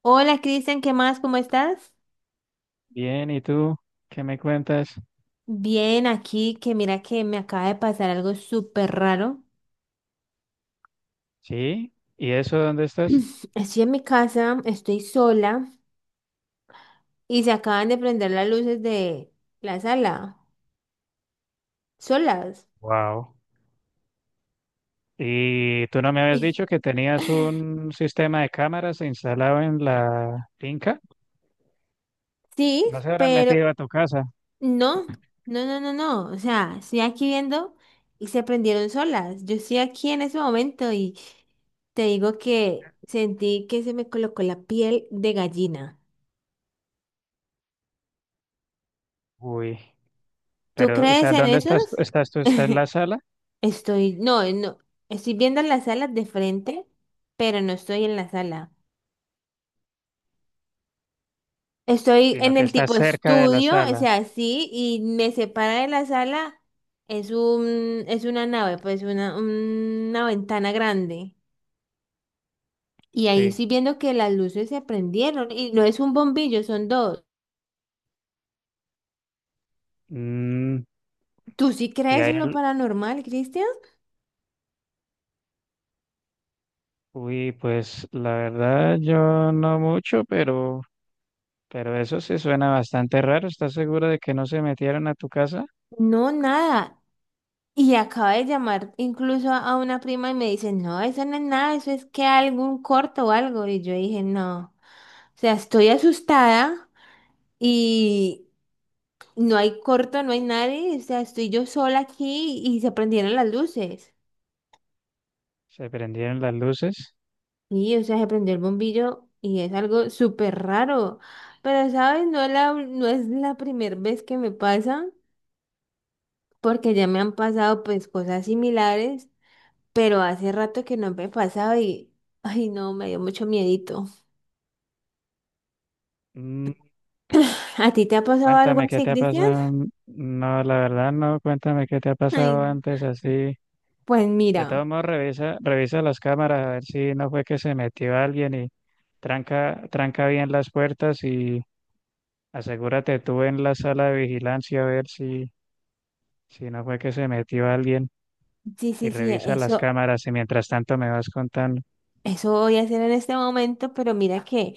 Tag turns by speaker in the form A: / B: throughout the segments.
A: Hola Cristian, ¿qué más? ¿Cómo estás?
B: Bien, ¿y tú qué me cuentas?
A: Bien, aquí que mira que me acaba de pasar algo súper raro.
B: ¿Sí? ¿Y eso dónde estás?
A: Estoy en mi casa, estoy sola y se acaban de prender las luces de la sala, solas.
B: Wow. ¿Y tú no me habías
A: Y-
B: dicho que tenías un sistema de cámaras instalado en la finca?
A: Sí,
B: ¿No se habrán
A: pero
B: metido a tu casa?
A: no, no, no, no, no. O sea, estoy aquí viendo y se prendieron solas. Yo estoy aquí en ese momento y te digo que sentí que se me colocó la piel de gallina.
B: Uy,
A: ¿Tú
B: pero, o
A: crees
B: sea,
A: en
B: ¿dónde estás?
A: esos?
B: ¿Estás tú? ¿Estás en la sala?
A: Estoy, no, no, estoy viendo las salas de frente, pero no estoy en la sala. Estoy
B: Sino
A: en
B: que
A: el
B: estás
A: tipo
B: cerca de la
A: estudio, o
B: sala.
A: sea, sí, y me separa de la sala, es una nave, pues una ventana grande. Y ahí
B: Sí.
A: estoy viendo que las luces se prendieron, y no es un bombillo, son dos.
B: Mm,
A: ¿Tú sí
B: y
A: crees
B: ahí,
A: en lo paranormal, Cristian?
B: uy, pues la verdad yo no mucho, pero eso sí suena bastante raro. ¿Estás segura de que no se metieron a tu casa?
A: No, nada. Y acabo de llamar incluso a una prima y me dice, no, eso no es nada, eso es que algún corto o algo. Y yo dije, no, o sea, estoy asustada y no hay corto, no hay nadie, o sea, estoy yo sola aquí y se prendieron las luces.
B: Se prendieron las luces.
A: Y, o sea, se prendió el bombillo y es algo súper raro. Pero, ¿sabes? No, no es la primera vez que me pasa, porque ya me han pasado pues cosas similares. Pero hace rato que no me pasaba y, ay no, me dio mucho miedito.
B: Mm,
A: ¿A ti te ha pasado algo
B: cuéntame qué
A: así,
B: te ha
A: Cristian?
B: pasado. No, la verdad no, cuéntame qué te ha
A: Ay,
B: pasado antes así.
A: pues
B: De
A: mira,
B: todos modos, revisa las cámaras a ver si no fue que se metió alguien y tranca bien las puertas y asegúrate tú en la sala de vigilancia a ver si no fue que se metió alguien
A: sí,
B: y
A: sí, sí,
B: revisa las
A: eso,
B: cámaras y mientras tanto me vas contando.
A: eso voy a hacer en este momento, pero mira que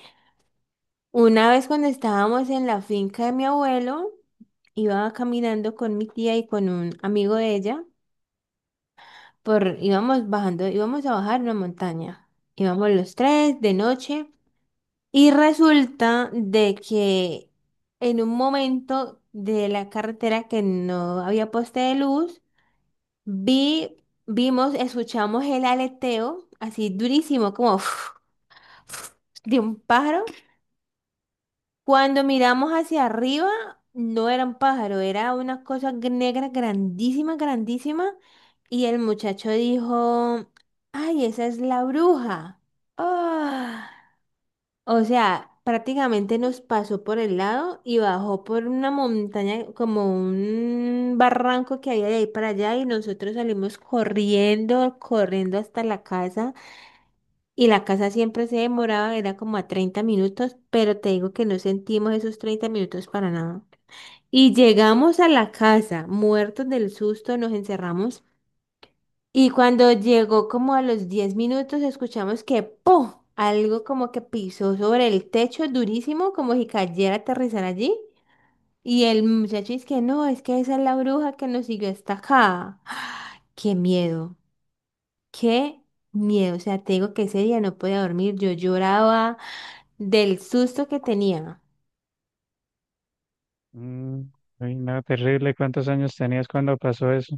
A: una vez cuando estábamos en la finca de mi abuelo, iba caminando con mi tía y con un amigo de ella, por, íbamos bajando, íbamos a bajar una montaña. Íbamos los tres de noche. Y resulta de que en un momento de la carretera que no había poste de luz, vi, vimos, escuchamos el aleteo así durísimo, como de un pájaro. Cuando miramos hacia arriba, no era un pájaro, era una cosa negra grandísima, grandísima. Y el muchacho dijo, ay, esa es la bruja. Ah, o sea, prácticamente nos pasó por el lado y bajó por una montaña, como un barranco que había de ahí para allá y nosotros salimos corriendo, corriendo hasta la casa y la casa siempre se demoraba, era como a 30 minutos, pero te digo que no sentimos esos 30 minutos para nada. Y llegamos a la casa, muertos del susto, nos encerramos y cuando llegó como a los 10 minutos, escuchamos que ¡pum! Algo como que pisó sobre el techo durísimo, como si cayera a aterrizar allí. Y el muchacho dice que no, es que esa es la bruja que nos siguió hasta acá. ¡Qué miedo! ¡Qué miedo! O sea, te digo que ese día no podía dormir. Yo lloraba del susto que tenía.
B: Mm, uy, no, terrible. ¿Cuántos años tenías cuando pasó eso?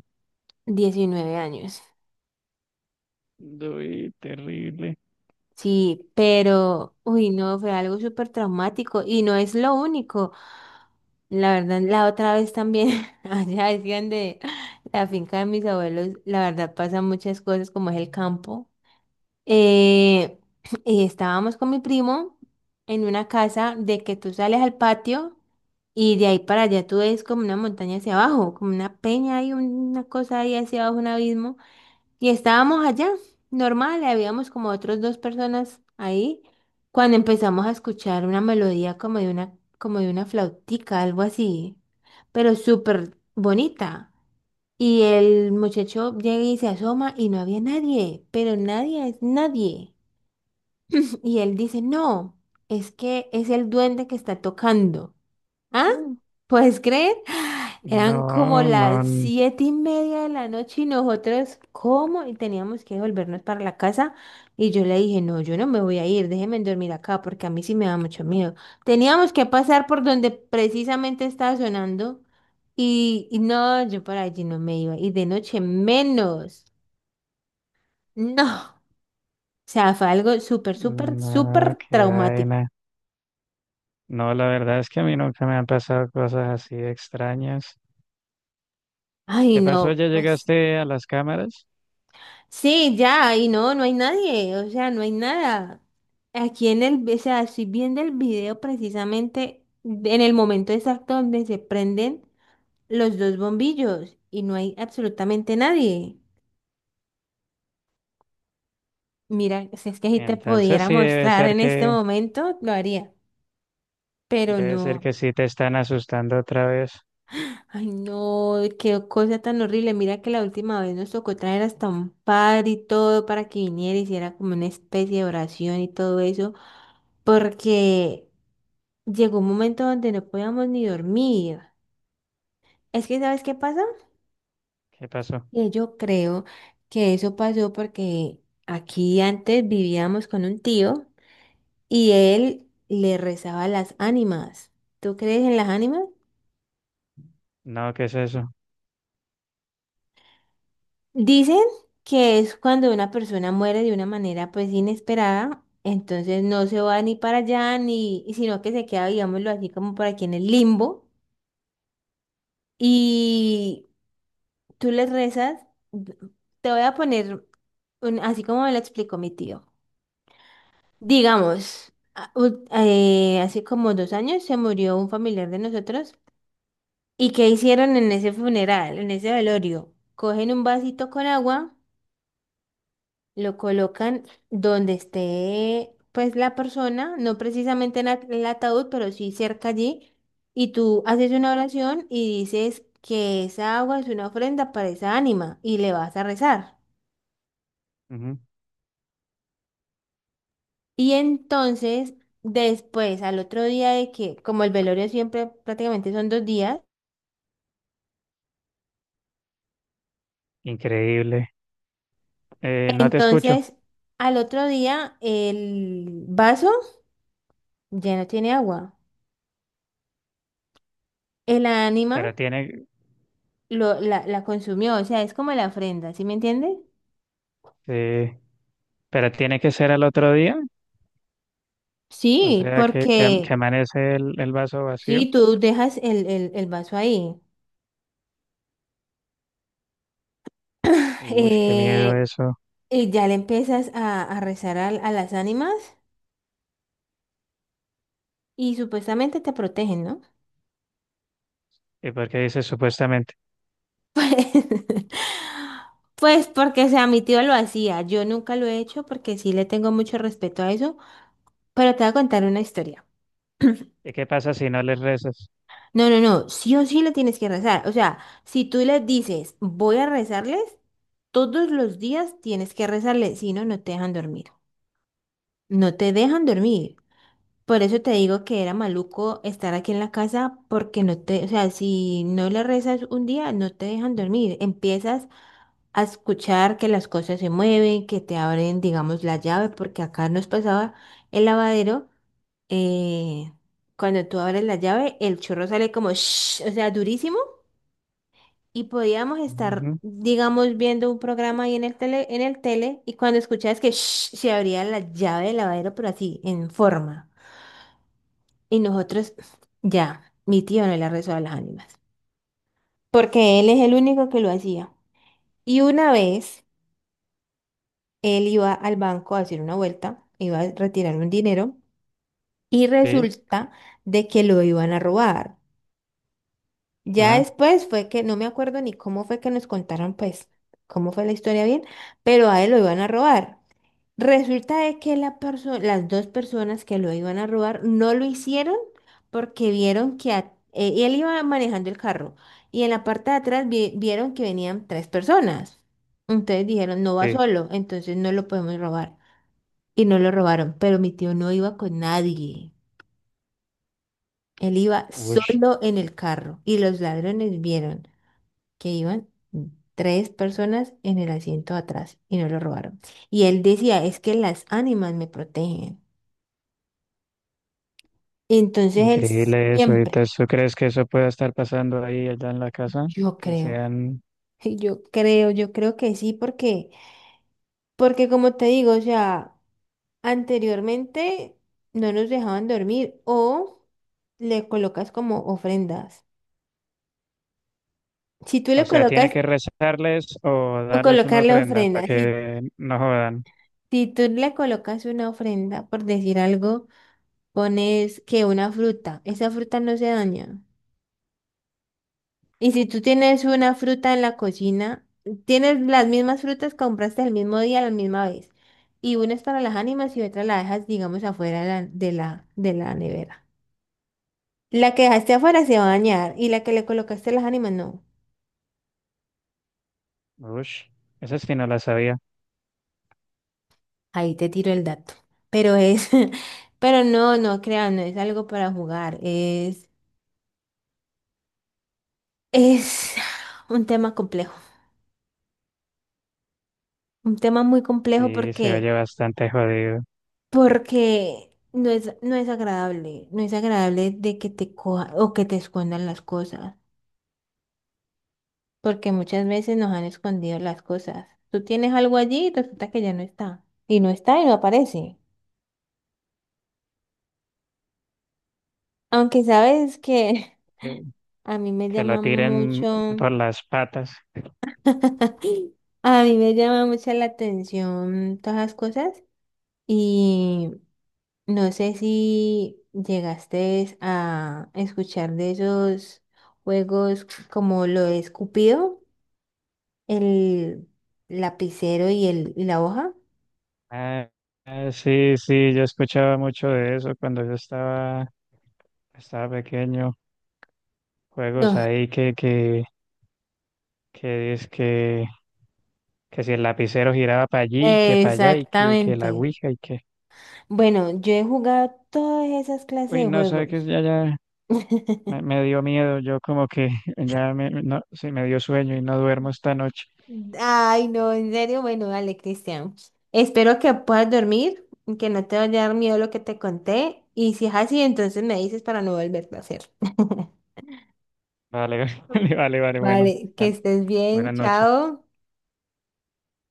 A: 19 años.
B: Uy, terrible.
A: Sí, pero, uy, no, fue algo súper traumático y no es lo único. La verdad, la otra vez también, allá decían de la finca de mis abuelos, la verdad pasan muchas cosas como es el campo. Eh, y estábamos con mi primo en una casa de que tú sales al patio y de ahí para allá tú ves como una montaña hacia abajo, como una peña y una cosa ahí hacia abajo, un abismo. Y estábamos allá, normal, habíamos como otros dos personas ahí, cuando empezamos a escuchar una melodía como de una flautica, algo así, pero súper bonita. Y el muchacho llega y se asoma y no había nadie, pero nadie es nadie. Y él dice, no, es que es el duende que está tocando. ¿Ah? ¿Puedes creer? Eran como
B: No, no,
A: las
B: n-
A: 7:30 de la noche y nosotros, ¿cómo? Y teníamos que volvernos para la casa. Y yo le dije, no, yo no me voy a ir, déjenme dormir acá porque a mí sí me da mucho miedo. Teníamos que pasar por donde precisamente estaba sonando y no, yo por allí no me iba. Y de noche menos. No. O sea, fue algo súper, súper,
B: no,
A: súper
B: qué
A: traumático.
B: vaina. No, la verdad es que a mí nunca me han pasado cosas así extrañas.
A: Ay,
B: ¿Qué pasó?
A: no,
B: ¿Ya
A: pues.
B: llegaste a las cámaras?
A: Sí, ya, y no, no hay nadie, o sea, no hay nada. Aquí en el, o sea, estoy viendo el video precisamente en el momento exacto donde se prenden los dos bombillos y no hay absolutamente nadie. Mira, si es que si te
B: Entonces
A: pudiera
B: sí
A: mostrar en este momento, lo haría, pero
B: debe ser
A: no.
B: que sí te están asustando otra vez.
A: Ay, no, qué cosa tan horrible. Mira que la última vez nos tocó traer hasta un padre y todo para que viniera y hiciera como una especie de oración y todo eso, porque... Llegó un momento donde no podíamos ni dormir. Es que, ¿sabes qué pasa?
B: ¿Qué pasó?
A: Que yo creo que eso pasó porque aquí antes vivíamos con un tío y él le rezaba a las ánimas. ¿Tú crees en las ánimas?
B: No, ¿qué es eso?
A: Dicen que es cuando una persona muere de una manera pues inesperada, entonces no se va ni para allá ni, y sino que se queda, digámoslo así, como por aquí en el limbo. Y tú les rezas, te voy a poner así como me lo explicó mi tío. Digamos, hace como 2 años se murió un familiar de nosotros. ¿Y qué hicieron en ese funeral, en ese velorio? Cogen un vasito con agua, lo colocan donde esté pues la persona, no precisamente en en el ataúd, pero sí cerca allí, y tú haces una oración y dices que esa agua es una ofrenda para esa ánima y le vas a rezar.
B: Ujú.
A: Y entonces, después, al otro día de que, como el velorio siempre prácticamente son 2 días,
B: Increíble. No te escucho,
A: entonces al otro día el vaso ya no tiene agua. El ánima
B: pero tiene,
A: lo, la consumió, o sea, es como la ofrenda, ¿sí me entiendes?
B: eh, pero tiene que ser al otro día. O
A: Sí,
B: sea,
A: porque
B: que amanece el vaso vacío.
A: si tú dejas el vaso ahí,
B: Uy, qué miedo
A: eh,
B: eso.
A: y ya le empiezas a rezar a las ánimas y supuestamente te protegen, ¿no?
B: ¿Y por qué dices supuestamente?
A: Pues, pues porque, o sea, mi tío lo hacía. Yo nunca lo he hecho porque sí le tengo mucho respeto a eso, pero te voy a contar una historia.
B: ¿Y qué pasa si no les rezas?
A: No, no, no, sí o sí le tienes que rezar. O sea, si tú les dices, voy a rezarles, todos los días tienes que rezarles, si no, no te dejan dormir. No te dejan dormir. Por eso te digo que era maluco estar aquí en la casa porque no te, o sea, si no le rezas un día, no te dejan dormir. Empiezas a escuchar que las cosas se mueven, que te abren, digamos, la llave, porque acá nos pasaba el lavadero, eh, cuando tú abres la llave, el chorro sale como, shhh, o sea, durísimo, y podíamos estar,
B: Ujú,
A: digamos, viendo un programa ahí en el tele, y cuando escuchabas que shhh, se abría la llave del lavadero, pero así, en forma, y nosotros, ya, mi tío no le rezó a las ánimas, porque él es el único que lo hacía. Y una vez... Él iba al banco a hacer una vuelta, iba a retirar un dinero y
B: sí,
A: resulta de que lo iban a robar. Ya
B: ajá,
A: después fue que, no me acuerdo ni cómo fue que nos contaron, pues, cómo fue la historia bien, pero a él lo iban a robar. Resulta de que la las dos personas que lo iban a robar no lo hicieron porque vieron que él iba manejando el carro y en la parte de atrás vieron que venían tres personas. Entonces dijeron, no va
B: sí.
A: solo, entonces no lo podemos robar y no lo robaron, pero mi tío no iba con nadie. Él iba
B: Uy,
A: solo en el carro y los ladrones vieron que iban tres personas en el asiento atrás y no lo robaron. Y él decía, es que las ánimas me protegen. Entonces él
B: increíble eso. ¿Y
A: siempre,
B: entonces tú crees que eso pueda estar pasando ahí allá en la casa?
A: yo
B: Que
A: creo,
B: sean,
A: yo creo que sí, porque, porque como te digo, o sea, anteriormente no nos dejaban dormir o le colocas como ofrendas. Si tú
B: o
A: le
B: sea, tiene
A: colocas
B: que rezarles o
A: O
B: darles una
A: colocarle
B: ofrenda
A: ofrenda.
B: para
A: Si,
B: que no jodan.
A: si tú le colocas una ofrenda, por decir algo, pones que una fruta. Esa fruta no se daña. Y si tú tienes una fruta en la cocina, tienes las mismas frutas que compraste el mismo día, la misma vez. Y una es para las ánimas y otra la dejas, digamos, afuera de la nevera. La que dejaste afuera se va a dañar y la que le colocaste a las ánimas no.
B: Uy, eso sí no la sabía.
A: Ahí te tiro el dato. Pero es, pero no, no crean, no es algo para jugar. Es un tema complejo, un tema muy complejo
B: Sí, se oye
A: porque,
B: bastante jodido.
A: porque no es, no es agradable, no es agradable de que te coja o que te escondan las cosas, porque muchas veces nos han escondido las cosas. Tú tienes algo allí y resulta que ya no está, y no está y no aparece. Aunque sabes que
B: Que,
A: a mí me
B: que
A: llama
B: lo tiren
A: mucho,
B: por las patas.
A: a mí me llama mucho la atención todas las cosas. Y no sé si llegaste a escuchar de esos juegos como lo es Cupido, el lapicero y, el, y la hoja.
B: Ah, ah, sí, sí, yo escuchaba mucho de eso cuando yo estaba pequeño. Juegos
A: No,
B: ahí que es que si el lapicero giraba para allí y que para allá que la
A: exactamente.
B: ouija y que...
A: Bueno, yo he jugado todas esas clases
B: Uy,
A: de
B: no, sabe que
A: juegos.
B: ya me dio miedo, yo como que ya me, no, sí, me dio sueño y no duermo esta noche.
A: Ay, no, en serio, bueno, dale, Cristian. Espero que puedas dormir, y que no te vaya a dar miedo lo que te conté. Y si es así, entonces me dices para no volverlo a hacer.
B: Vale, vale, bueno,
A: Vale, que
B: tan-
A: estés bien,
B: buenas noches.
A: chao.